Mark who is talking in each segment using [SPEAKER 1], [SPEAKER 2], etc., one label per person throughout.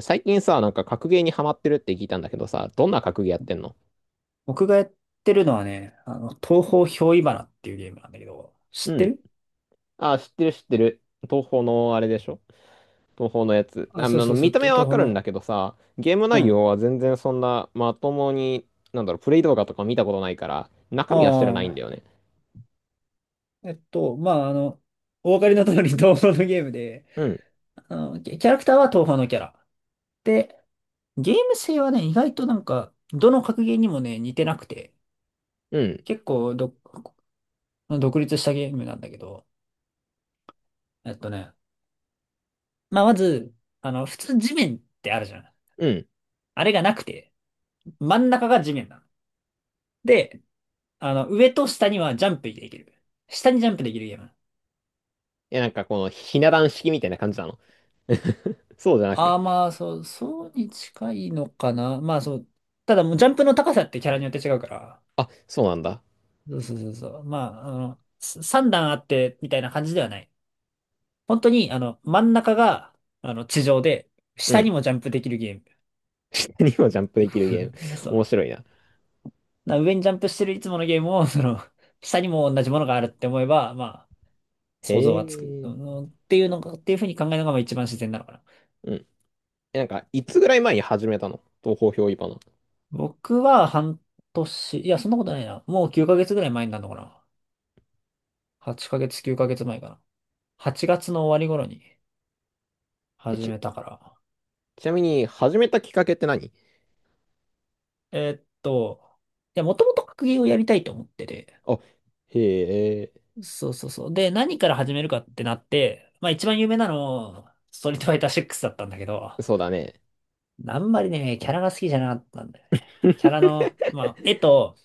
[SPEAKER 1] 最近さ、なんか格ゲーにハマってるって聞いたんだけどさ、どんな格ゲーやってんの？
[SPEAKER 2] 僕がやってるのはね、東方憑依花っていうゲームなんだけど、
[SPEAKER 1] う
[SPEAKER 2] 知って
[SPEAKER 1] ん。
[SPEAKER 2] る？
[SPEAKER 1] あ、知ってる知ってる。東宝のあれでしょ？東宝のやつ。あ、
[SPEAKER 2] あ、そうそうそ
[SPEAKER 1] 見
[SPEAKER 2] う、
[SPEAKER 1] た目
[SPEAKER 2] と
[SPEAKER 1] は
[SPEAKER 2] 東
[SPEAKER 1] わ
[SPEAKER 2] 方
[SPEAKER 1] かるんだ
[SPEAKER 2] の。
[SPEAKER 1] けどさ、ゲーム
[SPEAKER 2] う
[SPEAKER 1] 内
[SPEAKER 2] ん。
[SPEAKER 1] 容は全然そんなまともに、なんだろう、プレイ動画とか見たことないから、
[SPEAKER 2] あ
[SPEAKER 1] 中身は知らないんだよ
[SPEAKER 2] あ。
[SPEAKER 1] ね。
[SPEAKER 2] まあ、お分かりの通り 東方のゲームで、
[SPEAKER 1] うん、
[SPEAKER 2] あの、キャラクターは東方のキャラ。で、ゲーム性はね、意外となんか、どの格ゲーにもね、似てなくて、
[SPEAKER 1] うん、
[SPEAKER 2] 結構ど、独立したゲームなんだけど、えっとね、まあ、まず、あの、普通地面ってあるじゃん。
[SPEAKER 1] うん。
[SPEAKER 2] あれがなくて、真ん中が地面なの。で、あの、上と下にはジャンプできる。下にジャンプできるゲーム。
[SPEAKER 1] いやなんかこのひな壇式みたいな感じなの？そうじゃな
[SPEAKER 2] ああ、
[SPEAKER 1] く。
[SPEAKER 2] まあ、そう、そうに近いのかな。まあ、そう。ただもうジャンプの高さってキャラによって違うから。
[SPEAKER 1] あ、そうなんだ。
[SPEAKER 2] そうそうそうそう。まあ、あの、3段あって、みたいな感じではない。本当に、あの、真ん中が、あの、地上で、
[SPEAKER 1] う
[SPEAKER 2] 下に
[SPEAKER 1] ん。
[SPEAKER 2] もジャンプできるゲー
[SPEAKER 1] にもジャンプできるゲーム。
[SPEAKER 2] ム。そう。
[SPEAKER 1] 面白いな。
[SPEAKER 2] な上にジャンプしてるいつものゲームを、その、下にも同じものがあるって思えば、まあ、
[SPEAKER 1] へ
[SPEAKER 2] 想像はつく。う
[SPEAKER 1] え。
[SPEAKER 2] んっていうのが、っていうふうに考えるのが、まあ一番自然なのかな。
[SPEAKER 1] うん。え、なんか、いつぐらい前に始めたの東方憑依花？
[SPEAKER 2] 僕は半年、いや、そんなことないな。もう9ヶ月ぐらい前になるのかな。8ヶ月、9ヶ月前かな。8月の終わり頃に
[SPEAKER 1] え、
[SPEAKER 2] 始
[SPEAKER 1] ち、
[SPEAKER 2] めたから。
[SPEAKER 1] ちなみに、始めたきっかけって何？
[SPEAKER 2] えーっと、いや、もともと格ゲーをやりたいと思ってて。
[SPEAKER 1] あ、へえ、
[SPEAKER 2] そうそうそう。で、何から始めるかってなって、まあ一番有名なの、ストリートファイター6だったんだけど、
[SPEAKER 1] そうだね。
[SPEAKER 2] あんまりね、キャラが好きじゃなかったんだよね。キャラの、まあ、絵と、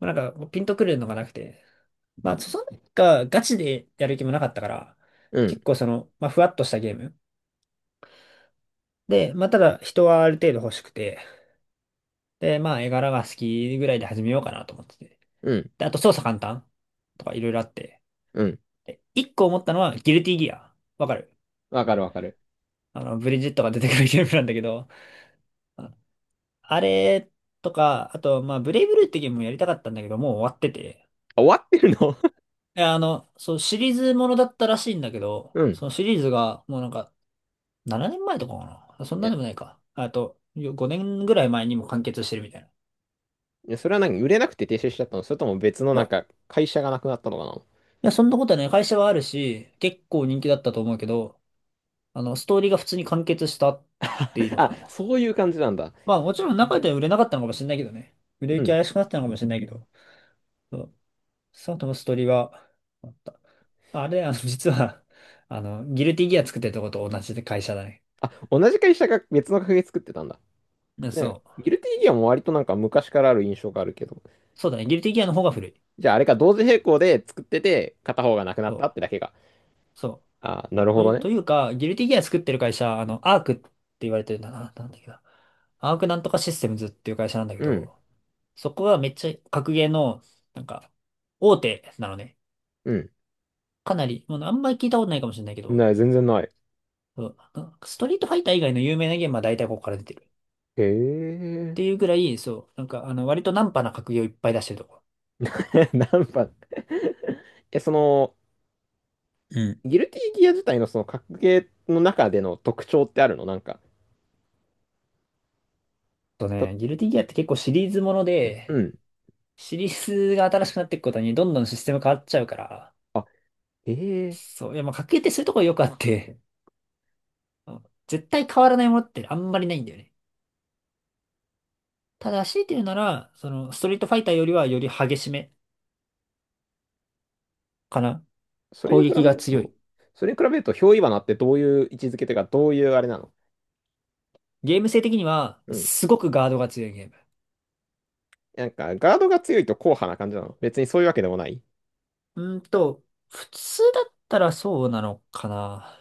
[SPEAKER 2] まあなんかピンとくるのがなくて、まあ、そんな、ガチでやる気もなかったから、
[SPEAKER 1] うん、
[SPEAKER 2] 結構その、まあ、ふわっとしたゲーム。で、まあ、ただ人はある程度欲しくて、で、まあ、絵柄が好きぐらいで始めようかなと思ってて。
[SPEAKER 1] うん、
[SPEAKER 2] で、あと操作簡単とかいろいろあって。
[SPEAKER 1] うん。
[SPEAKER 2] で、一個思ったのは、ギルティギア。わかる？
[SPEAKER 1] わかるわかる。
[SPEAKER 2] あの、ブリジットが出てくるゲームなんだけど、ああれとか、あと、まあ、ブレイブルーってゲームもやりたかったんだけど、もう終わってて。
[SPEAKER 1] あ、終わってるの？
[SPEAKER 2] いや、あの、そう、シリーズものだったらしいんだけ ど、
[SPEAKER 1] うん。
[SPEAKER 2] そのシリーズが、もうなんか、7年前とかかな。そんなで
[SPEAKER 1] え、
[SPEAKER 2] もないか。あと、よ5年ぐらい前にも完結してるみたいな。い
[SPEAKER 1] それは何売れなくて停止しちゃったの？それとも別の
[SPEAKER 2] や、
[SPEAKER 1] なん
[SPEAKER 2] い
[SPEAKER 1] か、会社がなくなったのか
[SPEAKER 2] や、そんなことはね、会社はあるし、結構人気だったと思うけど、あの、ストーリーが普通に完結したっていいの
[SPEAKER 1] な？
[SPEAKER 2] か
[SPEAKER 1] あ、
[SPEAKER 2] な。
[SPEAKER 1] そういう感じなんだ。
[SPEAKER 2] まあ、もちろん中では売れなかったのかもしれないけどね。売れ
[SPEAKER 1] う
[SPEAKER 2] 行き
[SPEAKER 1] ん。
[SPEAKER 2] 怪しくなったのかもしれないけど、そうその後のストーリーは、あった。あれ、あの、実は、あの、ギルティギア作ってるとこと同じで会社だね。
[SPEAKER 1] あ、同じ会社が別の会社作ってたんだ。
[SPEAKER 2] でそ
[SPEAKER 1] ね、
[SPEAKER 2] う。
[SPEAKER 1] ギルティギアも割となんか昔からある印象があるけど。
[SPEAKER 2] そうだね、ギルティギアの方が古い。
[SPEAKER 1] じゃああれか、同時並行で作ってて、片方がなくな
[SPEAKER 2] そ
[SPEAKER 1] ったって
[SPEAKER 2] う。
[SPEAKER 1] だけが。
[SPEAKER 2] そ
[SPEAKER 1] あ、なる
[SPEAKER 2] う。
[SPEAKER 1] ほどね。
[SPEAKER 2] というか、ギルティギア作ってる会社、あの、アークって言われてるんだな、なんだっけな。アークなんとかシステムズっていう会社なんだけ
[SPEAKER 1] うん。
[SPEAKER 2] ど、そこはめっちゃ格ゲーの、なんか、大手なのね。
[SPEAKER 1] うん。
[SPEAKER 2] かなり、もうあんまり聞いたことないかもしれないけど、
[SPEAKER 1] ない、全然ない。
[SPEAKER 2] そうなんかストリートファイター以外の有名なゲームは大体ここから出てる。っ
[SPEAKER 1] へえ。
[SPEAKER 2] ていうぐらい、そう、なんか、あの、割とナンパな格ゲーをいっぱい出してるとこ。
[SPEAKER 1] 何番え、その、
[SPEAKER 2] うん。
[SPEAKER 1] ギルティギア自体のその格ゲーの中での特徴ってあるの？なんか、
[SPEAKER 2] と
[SPEAKER 1] た、
[SPEAKER 2] ね、ギルティギアって結構シリーズもの
[SPEAKER 1] う
[SPEAKER 2] で、
[SPEAKER 1] ん。
[SPEAKER 2] シリーズが新しくなっていくことにどんどんシステム変わっちゃうから、
[SPEAKER 1] あ、ええ
[SPEAKER 2] そう、いや、まあ、格ゲーってそういうところよくあって、あ絶対変わらないものってあんまりないんだよね。ただ、強いて言うなら、その、ストリートファイターよりはより激しめかな。
[SPEAKER 1] それ
[SPEAKER 2] 攻
[SPEAKER 1] に比べ
[SPEAKER 2] 撃が
[SPEAKER 1] る
[SPEAKER 2] 強
[SPEAKER 1] と、
[SPEAKER 2] い。
[SPEAKER 1] 憑依罠ってどういう位置づけというか、どういうあれなの？
[SPEAKER 2] ゲーム性的には、
[SPEAKER 1] うん。
[SPEAKER 2] すごくガードが強いゲーム。
[SPEAKER 1] なんか、ガードが強いと硬派な感じなの？別にそういうわけでもない？
[SPEAKER 2] うーんと、普通だったらそうなのかな。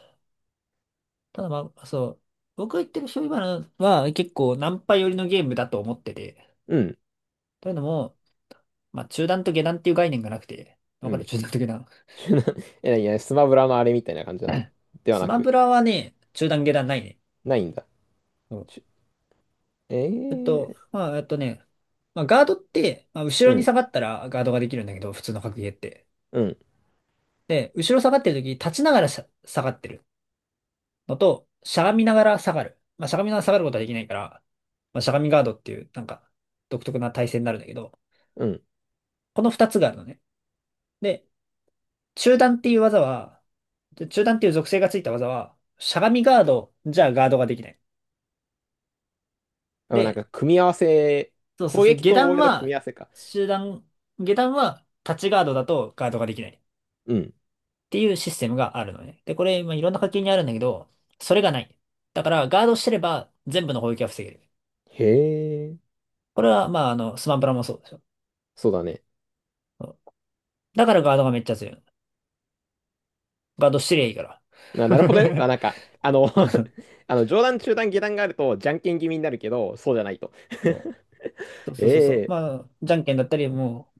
[SPEAKER 2] ただまあ、そう。僕が言ってる醤油花は結構ナンパ寄りのゲームだと思ってて。
[SPEAKER 1] うん。
[SPEAKER 2] というのも、まあ、中段と下段っていう概念がなくて。
[SPEAKER 1] う
[SPEAKER 2] わか
[SPEAKER 1] ん。
[SPEAKER 2] る？中段と下段。
[SPEAKER 1] いやいや、スマブラのあれみたいな感じなの では
[SPEAKER 2] ス
[SPEAKER 1] な
[SPEAKER 2] マ
[SPEAKER 1] く、
[SPEAKER 2] ブラはね、中段下段ないね。
[SPEAKER 1] ないんだ。
[SPEAKER 2] そう
[SPEAKER 1] ちゅええ
[SPEAKER 2] まあ、まあ、ガードって、まあ、
[SPEAKER 1] う
[SPEAKER 2] 後ろに
[SPEAKER 1] ん。
[SPEAKER 2] 下がったらガードができるんだけど、普通の格ゲーって。
[SPEAKER 1] うん。
[SPEAKER 2] で、後ろ下がってる時、立ちながら下がってるのと、しゃがみながら下がる。まあ、しゃがみながら下がることはできないから、まあ、しゃがみガードっていう、なんか、独特な体勢になるんだけど、
[SPEAKER 1] うん。
[SPEAKER 2] この二つがあるのね。で、中段っていう技は、中段っていう属性がついた技は、しゃがみガードじゃガードができない。
[SPEAKER 1] あなん
[SPEAKER 2] で、
[SPEAKER 1] か、組み合わせ、
[SPEAKER 2] そうそう
[SPEAKER 1] 攻
[SPEAKER 2] そう、
[SPEAKER 1] 撃と防衛の組み合わせか。
[SPEAKER 2] 中段、下段は、立ちガードだとガードができない。
[SPEAKER 1] うん。
[SPEAKER 2] っていうシステムがあるのね。で、これ、まあ、いろんな課金にあるんだけど、それがない。だから、ガードしてれば全部の攻撃は防げる。
[SPEAKER 1] へえ、
[SPEAKER 2] これは、まあ、あの、スマブラもそうですよ。
[SPEAKER 1] そうだね。
[SPEAKER 2] そうだからガードがめっちゃ強いの。ガードしてりゃいいから。
[SPEAKER 1] あ、なるほどね。あ、なんか、あの、上段、中段、下段があると、じゃんけん気味になるけど、そうじゃないと。
[SPEAKER 2] そ うそうそうそうそう。
[SPEAKER 1] ええ、
[SPEAKER 2] まあ、じゃんけんだったり、も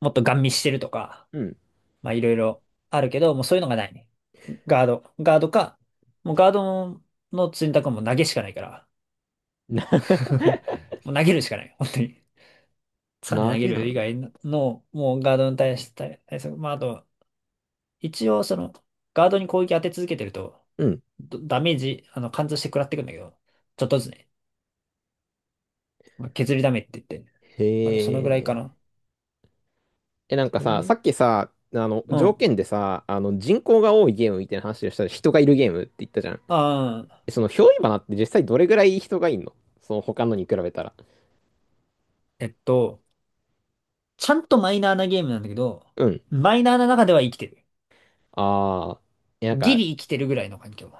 [SPEAKER 2] う、もっとガン見してるとか、
[SPEAKER 1] うん。
[SPEAKER 2] まあ、いろいろあるけど、もうそういうのがないね。ガード。ガードか、もうガードの選択はもう投げしかないから。
[SPEAKER 1] な、
[SPEAKER 2] もう投げるしかない。本当に。3で
[SPEAKER 1] 投
[SPEAKER 2] 投げ
[SPEAKER 1] げな
[SPEAKER 2] る
[SPEAKER 1] ん
[SPEAKER 2] 以
[SPEAKER 1] だ。
[SPEAKER 2] 外の、もうガードに対して、対策、まあ、あと、一応その、ガードに攻撃当て続けてると、
[SPEAKER 1] うん。
[SPEAKER 2] ダメージ、あの、貫通して食らってくんだけど、ちょっとずつね、まあ削りダメって言って、
[SPEAKER 1] へ
[SPEAKER 2] まだそのぐらいか
[SPEAKER 1] え。
[SPEAKER 2] な。
[SPEAKER 1] え、なんか
[SPEAKER 2] そ
[SPEAKER 1] さ、
[SPEAKER 2] れ
[SPEAKER 1] さっきさ、
[SPEAKER 2] う
[SPEAKER 1] 条
[SPEAKER 2] ん。
[SPEAKER 1] 件でさ、人口が多いゲームみたいな話をしたら、人がいるゲームって言ったじゃん。
[SPEAKER 2] ああ、
[SPEAKER 1] え憑依花って実際どれぐらい人がいんの？その、他のに比べたら。
[SPEAKER 2] えっと、ちゃんとマイナーなゲームなんだけど、
[SPEAKER 1] うん。
[SPEAKER 2] マイナーな中では生きてる。
[SPEAKER 1] ああ。え、なん
[SPEAKER 2] ギ
[SPEAKER 1] か、
[SPEAKER 2] リ生きてるぐらいの環境。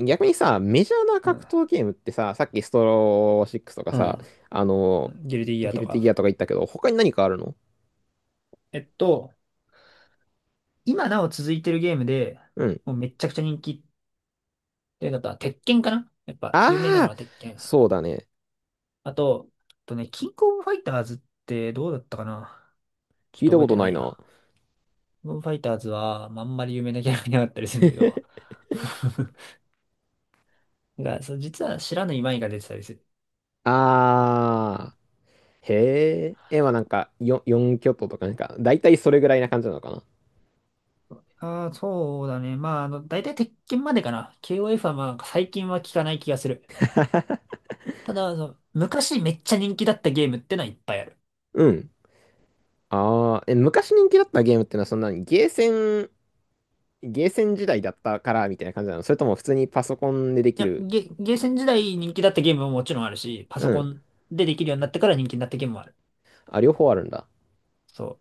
[SPEAKER 1] 逆にさ、メジャーな
[SPEAKER 2] う
[SPEAKER 1] 格
[SPEAKER 2] ん。
[SPEAKER 1] 闘ゲームってさ、さっきストローシックスとか
[SPEAKER 2] う
[SPEAKER 1] さ、
[SPEAKER 2] ん。
[SPEAKER 1] あの、
[SPEAKER 2] ギルディギア
[SPEAKER 1] ギ
[SPEAKER 2] と
[SPEAKER 1] ルティギア
[SPEAKER 2] か。
[SPEAKER 1] とか言ったけど、他に何かあるの？
[SPEAKER 2] えっと、今なお続いてるゲームで、
[SPEAKER 1] うん。
[SPEAKER 2] もうめっちゃくちゃ人気で、あとは、鉄拳かなやっぱ、有名なの
[SPEAKER 1] ああ、
[SPEAKER 2] は鉄拳。
[SPEAKER 1] そうだね。
[SPEAKER 2] あとね、キングオブファイターズってどうだったかなちょっ
[SPEAKER 1] 聞い
[SPEAKER 2] と
[SPEAKER 1] た
[SPEAKER 2] 覚
[SPEAKER 1] こ
[SPEAKER 2] え
[SPEAKER 1] と
[SPEAKER 2] てな
[SPEAKER 1] ない
[SPEAKER 2] い
[SPEAKER 1] な。
[SPEAKER 2] や。キングオブファイターズは、まああんまり有名なキャラがいなかったりするんだけど。が、そう、実は知らぬ今井が出てたりする。
[SPEAKER 1] ああ、へえ。え、まあなんか、4巨頭とかなんか、だいたいそれぐらいな感じなのかな。
[SPEAKER 2] ああ、そうだね。まあ、あの、大体鉄拳までかな。KOF はまあ、最近は聞かない気がする。ただ、あの、昔めっちゃ人気だったゲームってのはいっぱいある。
[SPEAKER 1] うん。ああ、え、昔人気だったゲームってのはそんなにゲーセン、時代だったからみたいな感じなの？それとも普通にパソコンででき
[SPEAKER 2] いや、
[SPEAKER 1] る？
[SPEAKER 2] ゲーセン時代人気だったゲームももちろんあるし、パソ
[SPEAKER 1] う
[SPEAKER 2] コ
[SPEAKER 1] ん。
[SPEAKER 2] ンでできるようになってから人気になったゲームもある。
[SPEAKER 1] あ、両方あるんだ。
[SPEAKER 2] そう。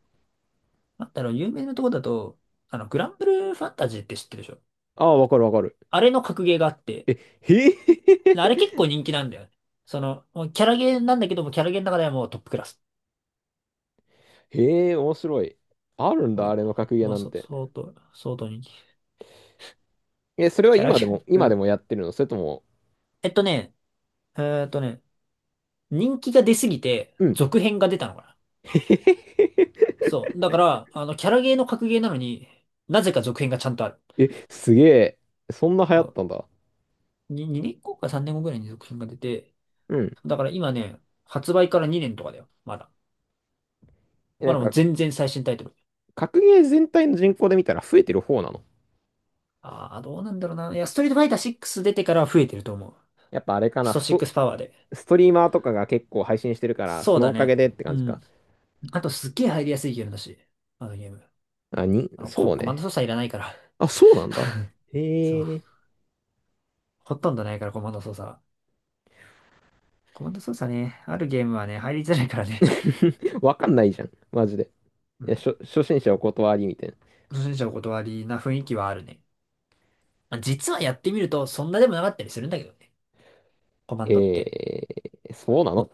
[SPEAKER 2] なんだろう、有名なとこだと、あの、グランブルーファンタジーって知ってるでしょ？
[SPEAKER 1] ああ、わかるわかる。
[SPEAKER 2] あれの格ゲーがあって、
[SPEAKER 1] え、へえ
[SPEAKER 2] あれ 結構人気なんだよね。その、もうキャラゲーなんだけども、キャラゲーの中ではもうトップクラス。
[SPEAKER 1] へえ、面白い。あるんだ、あ
[SPEAKER 2] も
[SPEAKER 1] れの格ゲ
[SPEAKER 2] う、
[SPEAKER 1] ー
[SPEAKER 2] も
[SPEAKER 1] な
[SPEAKER 2] う
[SPEAKER 1] ん
[SPEAKER 2] そ、
[SPEAKER 1] て。
[SPEAKER 2] 相当、相当人気。
[SPEAKER 1] え、それは
[SPEAKER 2] キャラ
[SPEAKER 1] 今
[SPEAKER 2] ゲ
[SPEAKER 1] で
[SPEAKER 2] ー、
[SPEAKER 1] も、
[SPEAKER 2] うん。
[SPEAKER 1] やってるの？それとも、
[SPEAKER 2] えっとね、えーっとね、人気が出すぎて、
[SPEAKER 1] うん。
[SPEAKER 2] 続編が出たのかな。
[SPEAKER 1] へへへへ
[SPEAKER 2] そう。だから、あの、キャラゲーの格ゲーなのに、なぜか続編がちゃんとある。
[SPEAKER 1] え、すげえ。そんな流行
[SPEAKER 2] そ
[SPEAKER 1] っ
[SPEAKER 2] う
[SPEAKER 1] たんだ。
[SPEAKER 2] に2、年後か3年後ぐらいに続編が出て、
[SPEAKER 1] うん。
[SPEAKER 2] だから今ね、発売から2年とかだよ。まだ。
[SPEAKER 1] えな
[SPEAKER 2] ま
[SPEAKER 1] ん
[SPEAKER 2] だもう
[SPEAKER 1] か、
[SPEAKER 2] 全然最新タイトル。
[SPEAKER 1] 格ゲー全体の人口で見たら増えてる方なの？
[SPEAKER 2] ああ、どうなんだろうな。いや、ストリートファイター6出てからは増えてると思う。
[SPEAKER 1] やっぱあれか
[SPEAKER 2] ス
[SPEAKER 1] な、
[SPEAKER 2] ト6パワーで。
[SPEAKER 1] ストリーマーとかが結構配信してるから、
[SPEAKER 2] そ
[SPEAKER 1] そ
[SPEAKER 2] う
[SPEAKER 1] の
[SPEAKER 2] だ
[SPEAKER 1] おかげ
[SPEAKER 2] ね。
[SPEAKER 1] でって
[SPEAKER 2] う
[SPEAKER 1] 感じか。
[SPEAKER 2] ん。あとすっげえ入りやすいゲームだし。あのゲーム。
[SPEAKER 1] あ、
[SPEAKER 2] あの、
[SPEAKER 1] そう
[SPEAKER 2] コマンド
[SPEAKER 1] ね。
[SPEAKER 2] 操作いらないから。
[SPEAKER 1] あ、そうなんだ。
[SPEAKER 2] そう。
[SPEAKER 1] へえ。
[SPEAKER 2] ほとんどないから、コマンド操作は。コマンド操作ね、あるゲームはね、入りづらいからね。
[SPEAKER 1] わかんないじゃん。マジで。
[SPEAKER 2] う
[SPEAKER 1] いや、
[SPEAKER 2] ん。
[SPEAKER 1] 初心者お断りみたいな。
[SPEAKER 2] 初心者お断りな雰囲気はあるね。まあ実はやってみると、そんなでもなかったりするんだけどね。コマンドって。
[SPEAKER 1] そうなの？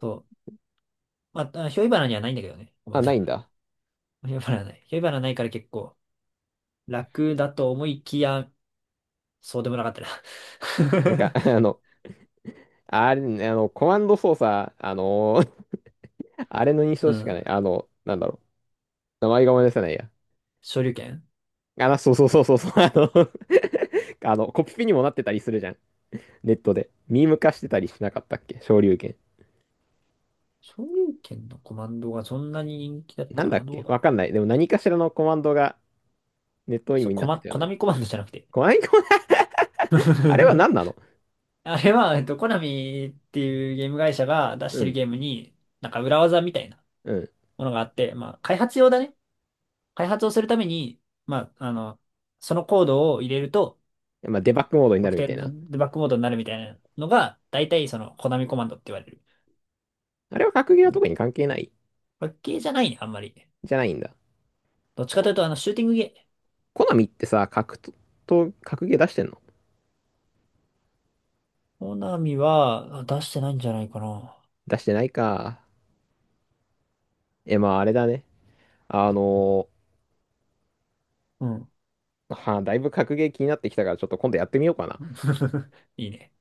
[SPEAKER 2] そう。まあ、あひょいばなにはないんだけどね。コマ
[SPEAKER 1] あ、
[SPEAKER 2] ンド。
[SPEAKER 1] ないんだ。
[SPEAKER 2] ひょいばなない。ひょいばなないから結構楽だと思いきや、そうでもなかった
[SPEAKER 1] なん
[SPEAKER 2] な
[SPEAKER 1] か、あれ、コマンド操作、あれの印 象
[SPEAKER 2] う
[SPEAKER 1] しかな
[SPEAKER 2] ん。
[SPEAKER 1] い。なんだろう。名前が思い出せないや。
[SPEAKER 2] 昇竜拳
[SPEAKER 1] あの、そうそうそうそうそう。あの、コピペにもなってたりするじゃん。ネットで。ミーム化してたりしなかったっけ昇竜拳？
[SPEAKER 2] 昇竜拳のコマンドがそんなに人気だった
[SPEAKER 1] な
[SPEAKER 2] か
[SPEAKER 1] んだ
[SPEAKER 2] な
[SPEAKER 1] っ
[SPEAKER 2] どう
[SPEAKER 1] け
[SPEAKER 2] だろ
[SPEAKER 1] わかんな
[SPEAKER 2] う。
[SPEAKER 1] い。でも何かしらのコマンドがネットミームになってたよ
[SPEAKER 2] コナ
[SPEAKER 1] ね。
[SPEAKER 2] ミコマンドじゃなくて。
[SPEAKER 1] コマンド、あれは 何なの？
[SPEAKER 2] あれは、えっと、コナミっていうゲーム会社が出し
[SPEAKER 1] う
[SPEAKER 2] てる
[SPEAKER 1] ん、
[SPEAKER 2] ゲームに、なんか裏技みたいな
[SPEAKER 1] うん。
[SPEAKER 2] ものがあって、まあ、開発用だね。開発をするために、まあ、あの、そのコードを入れると、
[SPEAKER 1] まあ、デ
[SPEAKER 2] あ
[SPEAKER 1] バッ
[SPEAKER 2] の
[SPEAKER 1] グモードになる
[SPEAKER 2] 特
[SPEAKER 1] み
[SPEAKER 2] 定
[SPEAKER 1] たい
[SPEAKER 2] の
[SPEAKER 1] な。
[SPEAKER 2] デバッグモードになるみたいなのが、大体そのコナミコマンドって言われる。
[SPEAKER 1] あれは格ゲーは
[SPEAKER 2] ね
[SPEAKER 1] 特に関係ない？
[SPEAKER 2] パッケージじゃないね、あんまり。
[SPEAKER 1] じゃないんだ。
[SPEAKER 2] どっちかと
[SPEAKER 1] こ、
[SPEAKER 2] いうと、あの、シューティングゲー、
[SPEAKER 1] コナミってさ、格ゲー出してんの？
[SPEAKER 2] 小ナミはあ出してないんじゃないかな。
[SPEAKER 1] 出してないか。え、まああれだね。あの
[SPEAKER 2] うん。
[SPEAKER 1] ーはあ、だいぶ格ゲー気になってきたから、ちょっと今度やってみようかな。
[SPEAKER 2] いいね。